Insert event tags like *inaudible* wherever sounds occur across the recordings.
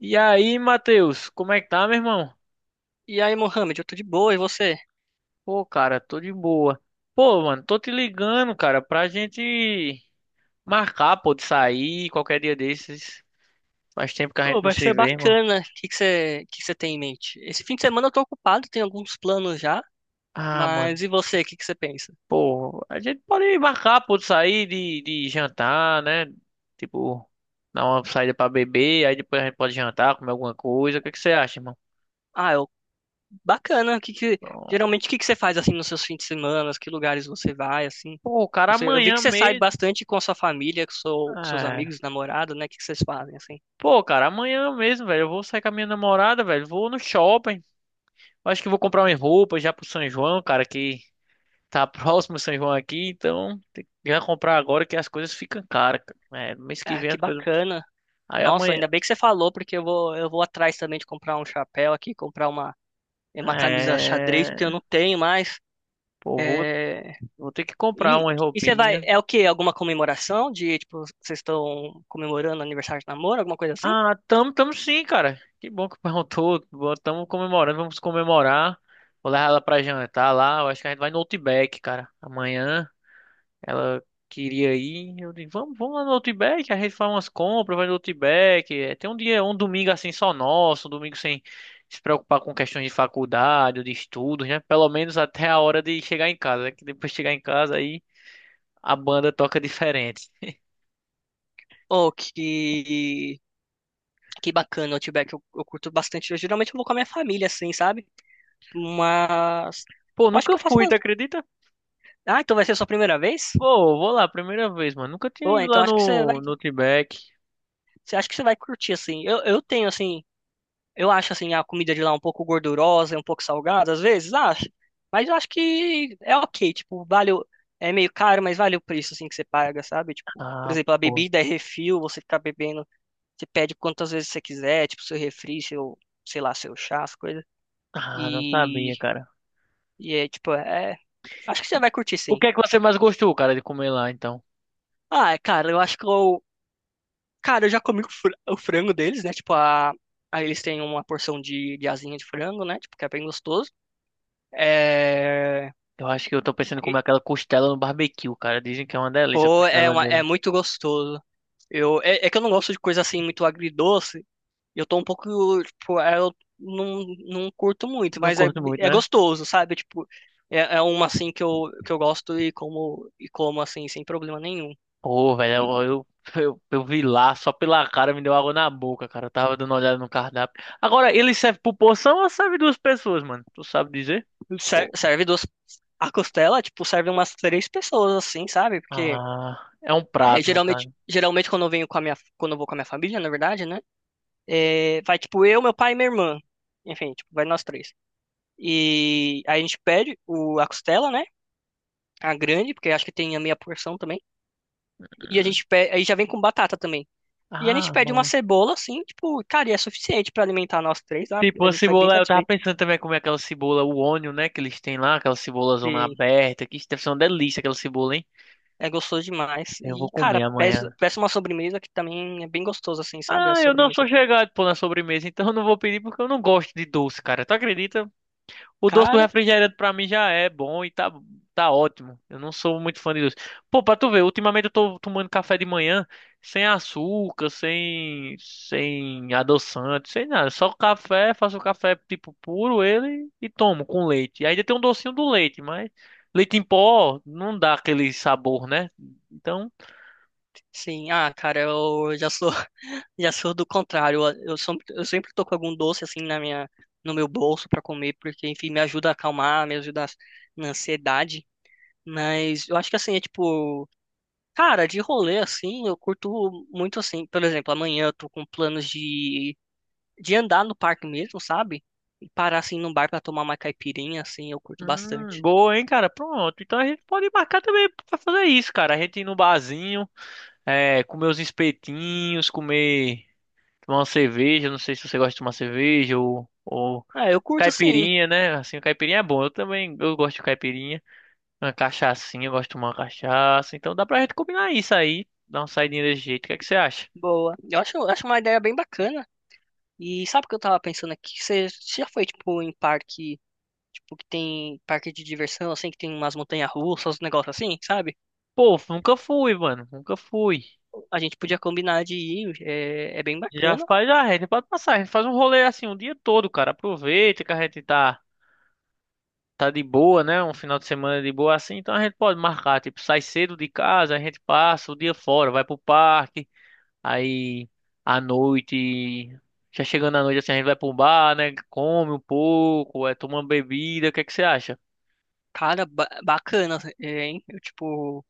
E aí, Matheus, como é que tá, meu irmão? E aí, Mohamed, eu tô de boa, e você? Pô, cara, tô de boa. Pô, mano, tô te ligando, cara, pra gente marcar, pô, de sair qualquer dia desses. Faz tempo que a Pô, gente não vai se ser vê, irmão. bacana. O que que você tem em mente? Esse fim de semana eu tô ocupado, tenho alguns planos já, Ah, mano, mas e você, o que que você pensa? pô, a gente pode marcar, pô, de sair, de jantar, né? Tipo, dar uma saída pra beber, aí depois a gente pode jantar, comer alguma coisa. O que que você acha, irmão? Ah, eu, bacana. O que que, geralmente, o que que você faz, assim, nos seus fins de semana? Que lugares você vai, assim? Pô, cara, Você, eu vi amanhã que você sai mesmo. bastante com a sua família, com, seu, com seus É. amigos, namorado, né? O que que vocês fazem, assim? Pô, cara, amanhã mesmo, velho. Eu vou sair com a minha namorada, velho. Vou no shopping. Eu acho que vou comprar umas roupas já pro São João, cara, que tá *laughs* próximo o São João aqui, então tem que já comprar agora que as coisas ficam caras, cara. É, no mês que Ah, vem que as coisas. bacana. Aí Nossa, amanhã. ainda bem que você falou, porque eu vou atrás também de comprar um chapéu aqui, comprar uma camisa xadrez, É. porque eu não tenho mais. Pô, vou, É, vou ter que comprar E, umas e você vai, roupinhas. é o quê? Alguma comemoração de, tipo, vocês estão comemorando aniversário de namoro, alguma coisa assim? Ah, tamo sim, cara. Que bom que perguntou. Bom, *laughs* tamo comemorando, vamos comemorar. Vou levar ela pra jantar lá. Eu acho que a gente vai no Outback, cara. Amanhã. Ela queria ir. Eu disse, vamos lá no Outback, a gente faz umas compras, vai no Outback. É, tem um dia, um domingo assim só nosso, um domingo sem se preocupar com questões de faculdade, ou de estudos, né? Pelo menos até a hora de chegar em casa, né? Que depois de chegar em casa aí a banda toca diferente. Ou que bacana, Outback, eu curto bastante. Eu geralmente eu vou com a minha família, assim, sabe? Mas, Pô, eu acho que nunca eu faço... fui, tu acredita? Ah, então vai ser a sua primeira vez? Pô, vou lá, primeira vez, mano. Nunca tinha Pô, ido então lá acho que você vai, no Outback. você acha que você vai curtir, assim. Eu tenho, assim, eu acho assim a comida de lá um pouco gordurosa, um pouco salgada, às vezes, acho. Mas eu acho que é ok, tipo, vale o... é meio caro, mas vale o preço assim que você paga, sabe? Tipo, por Ah, exemplo, a pô. bebida é refil, você fica bebendo, você pede quantas vezes você quiser, tipo, seu refri, seu, sei lá, seu chá, as coisas. Ah, não E sabia, cara. e é tipo, é, acho que E você vai curtir o sim. que é que você mais gostou, cara, de comer lá, então? Ah, é, cara, eu acho que eu, cara, eu já comi o o frango deles, né? Tipo, a aí eles têm uma porção de asinha de frango, né? Tipo, que é bem gostoso. É... Eu acho que eu tô pensando em comer aquela costela no barbecue, cara. Dizem que é uma delícia a Pô, é, costela dele. é muito gostoso. Eu, é, é que eu não gosto de coisa assim muito agridoce. Eu tô um pouco, tipo, é, eu não curto muito, Não mas é, curto muito, é né? gostoso, sabe? Tipo, é, é uma assim que eu gosto e como assim, sem problema nenhum. Pô, velho, eu, E eu, *laughs* eu vi lá, só pela cara me deu água na boca, cara. Eu tava dando uma olhada no cardápio. Agora, ele serve por porção ou serve duas pessoas, mano? Tu sabe dizer? Pô. serve duas. A costela, tipo, serve umas três pessoas, assim, sabe? Porque Ah, é um é, prato, no geralmente, caso. geralmente quando eu venho com a minha, quando eu vou com a minha família, na verdade, né? É, vai, tipo, eu, meu pai e minha irmã. Enfim, tipo, vai nós três. E aí a gente pede o, a costela, né? A grande, porque acho que tem a meia porção também. E a Hum. gente pede, aí já vem com batata também. E a gente Ah, pede uma mano. cebola, assim, tipo, cara, e é suficiente pra alimentar nós três, sabe? Tipo, A a gente vai bem cebola, eu tava satisfeito. pensando também em comer aquela cebola, o onion, né, que eles têm lá, aquela cebola zona E aberta, que isso deve ser uma delícia aquela cebola, hein? é gostoso demais. Eu E, vou comer cara, peça, amanhã. peça uma sobremesa que também é bem gostoso, assim, sabe? A Ah, eu não sobremesa sou do chegado, pô, na sobremesa, então eu não vou pedir porque eu não gosto de doce, cara. Tu acredita? O doce do cara. refrigerante pra mim já é bom e tá ótimo. Eu não sou muito fã de doce. Pô, pra tu ver, ultimamente eu tô tomando café de manhã sem açúcar, sem adoçante, sem nada. Só café, faço café tipo puro ele e tomo com leite. E ainda tem um docinho do leite, mas leite em pó não dá aquele sabor, né? Então. Sim, ah, cara, eu já sou, *laughs* já sou do contrário. Eu sempre tô com algum doce, assim, na minha, no meu bolso pra comer, porque, enfim, me ajuda a acalmar, me ajuda a na ansiedade. Mas eu acho que assim, é tipo, cara, de rolê assim, eu curto muito assim. Por exemplo, amanhã eu tô com planos de andar no parque mesmo, sabe? E parar assim num bar pra tomar uma caipirinha, assim, eu curto bastante. Boa, hein, cara? Pronto. Então a gente pode marcar também pra fazer isso, cara. A gente ir no barzinho, é, comer os espetinhos, comer, tomar uma cerveja. Não sei se você gosta de tomar cerveja ou Ah, eu curto sim, caipirinha, né? Assim, o caipirinha é bom. Eu também, eu gosto de caipirinha. Uma cachaçinha, eu gosto de tomar uma cachaça. Então dá pra gente combinar isso aí. Dar uma saidinha desse jeito. O que é que você acha? boa. Eu acho uma ideia bem bacana. E sabe o que eu tava pensando aqui? Você já foi, tipo, em parque, tipo, que tem parque de diversão, assim, que tem umas montanhas-russas, uns negócios assim, sabe? Pô, nunca fui, mano. Nunca fui. A gente podia combinar de ir, é, é bem Já bacana. faz, já, a gente pode passar. A gente faz um rolê assim o dia todo, cara. Aproveita que a gente tá. Tá de boa, né? Um final de semana de boa assim, então a gente pode marcar, tipo, sai cedo de casa, a gente passa o dia fora, vai pro parque, aí à noite, já chegando à noite assim, a gente vai pro bar, né? Come um pouco, é, toma uma bebida, o que é que você acha? Cara, bacana, hein? Eu, tipo,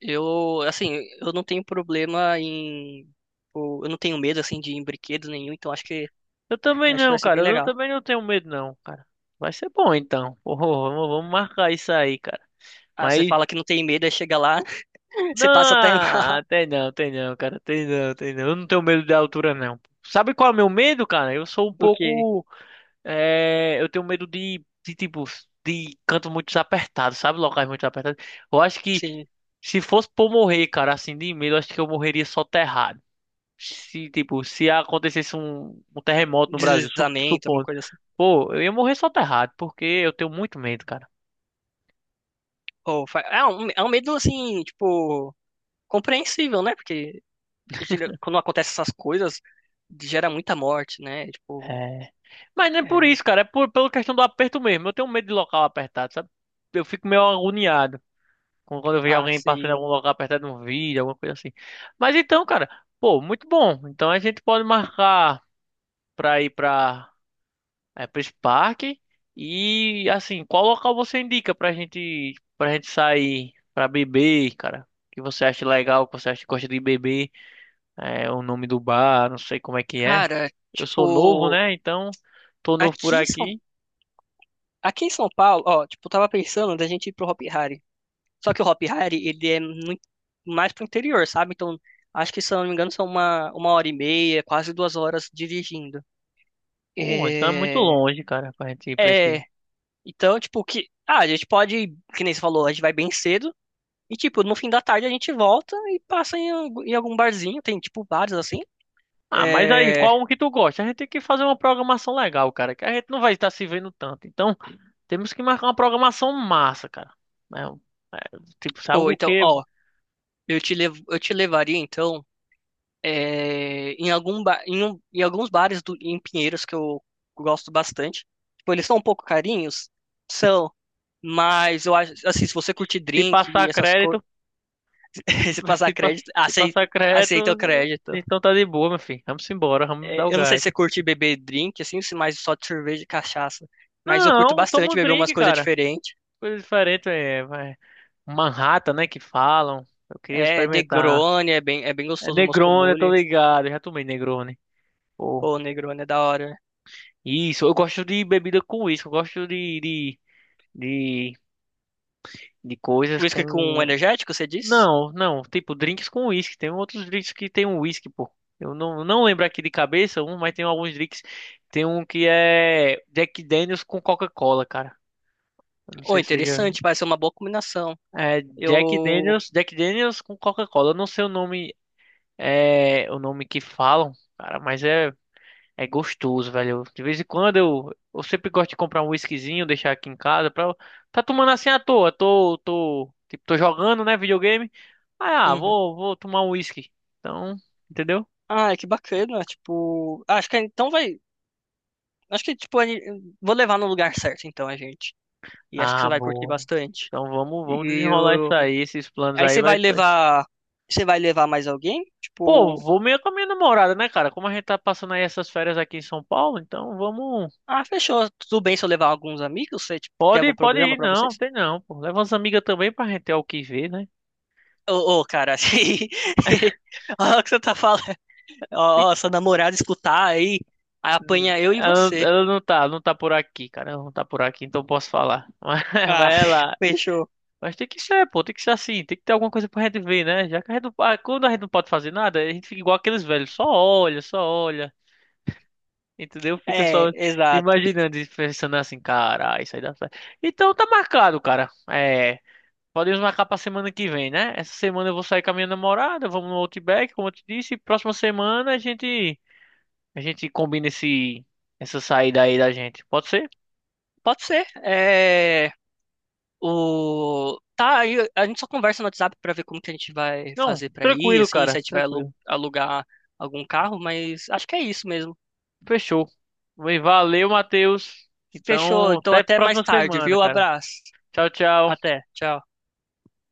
eu, assim, eu não tenho problema em. Tipo, eu não tenho medo, assim, de ir em brinquedos nenhum, então Eu também acho que vai não, ser cara, bem eu legal. também não tenho medo não, cara. Vai ser bom então. *laughs* Pô, vamos marcar isso aí, cara. Ah, você Mas fala que não tem medo, aí chega lá, *laughs* você passa até na, *laughs* não, tem não, tem não, cara, tem não, tem não. Eu não tenho medo da altura não. Sabe qual é o meu medo, cara? Eu sou um o quê? pouco é, eu tenho medo de, tipo, de canto muito apertado, sabe? Locais muito apertados. Eu acho que Sim, se fosse por morrer, cara, assim, de medo, eu acho que eu morreria soterrado. Se, tipo, se acontecesse um, um terremoto no Brasil, deslizamento, alguma supondo. coisa assim. Pô, eu ia morrer soterrado, porque eu tenho muito medo, cara. Ou, é um medo, assim, tipo, compreensível, né? Porque quando acontecem essas coisas, gera muita morte, né? Tipo, É. Mas não é por é, isso, cara, é por, pela questão do aperto mesmo. Eu tenho medo de local apertado, sabe? Eu fico meio agoniado. Quando eu vejo ah, alguém passando em assim. algum lugar apertando um vídeo, alguma coisa assim. Mas então, cara, pô, muito bom. Então a gente pode marcar pra ir pra, é, pra esse parque. E assim, qual local você indica pra gente sair pra beber, cara? O que você acha legal, o que você acha que gosta de beber? É, o nome do bar, não sei como é que é. Cara, Eu sou novo, tipo. né? Então, tô novo por Aqui em São aqui. Aqui em São Paulo, ó, tipo, eu tava pensando da gente ir pro Hopi Hari. Só que o Hopi Hari, ele é muito mais pro interior, sabe? Então, acho que, se eu não me engano, são uma hora e meia, quase duas horas dirigindo. Pô, então é muito É... longe, cara, pra gente ir pra esse. É... Então, tipo, que... Ah, a gente pode, ir, que nem você falou, a gente vai bem cedo. E, tipo, no fim da tarde a gente volta e passa em, em algum barzinho. Tem, tipo, bares assim. Ah, mas aí, É... qual um que tu gosta? A gente tem que fazer uma programação legal, cara, que a gente não vai estar se vendo tanto. Então, temos que marcar uma programação massa, cara. É, um- é, tipo, sabe Pô, o então, quê? ó, eu te levaria, então... é, em algum em, em alguns bares em Pinheiros que eu gosto bastante. Tipo, eles são um pouco carinhos, são, mas eu acho assim, se você curtir Se drink e passar essas coisas, crédito, se, *laughs* se *laughs* passar se, pa- crédito, se aceita, passar crédito, aceita o crédito. então tá de boa, meu filho. Vamos embora, vamos dar o É, eu não sei gás. se você curte beber drink assim, se mais só de cerveja e cachaça, mas eu curto Não, toma bastante um beber umas drink, coisas cara. diferentes. Coisa diferente, é, vai. Manhattan, né, que falam. Eu queria É, experimentar. Negroni é bem É gostoso, o Moscow Negroni, eu tô Mule. ligado, eu já tomei Negroni. Pô. Pô, Negroni é da hora. Isso, eu gosto de bebida com uísque, eu gosto de, de coisas Whisky com com. energético, você diz? Não, não, tipo drinks com uísque. Tem outros drinks que tem um uísque, pô. Eu não lembro aqui de cabeça um, mas tem alguns drinks. Tem um que é Jack Daniels com Coca-Cola, cara. Eu não Ô, sei se você já. interessante, vai ser uma boa combinação. É Jack Eu. Daniels, Jack Daniels com Coca-Cola. Eu não sei o nome, é, o nome que falam, cara, mas é. É gostoso, velho. De vez em quando eu sempre gosto de comprar um whiskyzinho, deixar aqui em casa pra tá tomando assim à toa. Tipo, tô jogando, né, videogame. Ah, ah, Uhum. vou, vou tomar um whisky. Então, entendeu? Ah, que bacana. Tipo, ah, acho que então vai. Acho que, tipo, vou levar no lugar certo, então, a gente. E acho que você Ah, vai curtir boa. bastante. Então vamos E desenrolar isso eu... aí, esses planos aí aí você vai vai sair. levar. Você vai levar mais alguém? Pô, Tipo, vou meio com a minha namorada, né, cara? Como a gente tá passando aí essas férias aqui em São Paulo, então vamos. ah, fechou. Tudo bem se eu levar alguns amigos? Você, tipo, tem algum Pode problema ir, pra não, vocês? tem não, pô. Leva umas amigas também pra gente ter o que ver, né? Ô, ô, cara, *laughs* assim. Olha o que você tá falando. Ó, ó, sua namorada escutar aí, aí apanha eu e você. Ela não tá, não tá por aqui, cara. Ela não tá por aqui, então eu posso falar. *laughs* Mas Ah, ela. *laughs* fechou. Mas tem que ser, pô, tem que ser assim, tem que ter alguma coisa pra gente ver, né? Já que a gente não, ah, quando a gente não pode fazer nada, a gente fica igual aqueles velhos, só olha, entendeu? Fica É, só exato. imaginando e pensando assim, cara, isso aí dá certo. Então tá marcado, cara. É, podemos marcar pra semana que vem, né? Essa semana eu vou sair com a minha namorada, vamos no Outback, como eu te disse, e próxima semana a gente combina essa saída aí da gente. Pode ser? Pode ser. É. O... Tá, aí a gente só conversa no WhatsApp pra ver como que a gente vai Não, fazer pra ir, tranquilo, assim, se a cara, gente vai tranquilo. alugar algum carro, mas acho que é isso mesmo. Fechou. Valeu, Matheus. Fechou, Então, então até a até mais próxima tarde, semana, viu? cara. Abraço. Tchau, tchau. Até, tchau.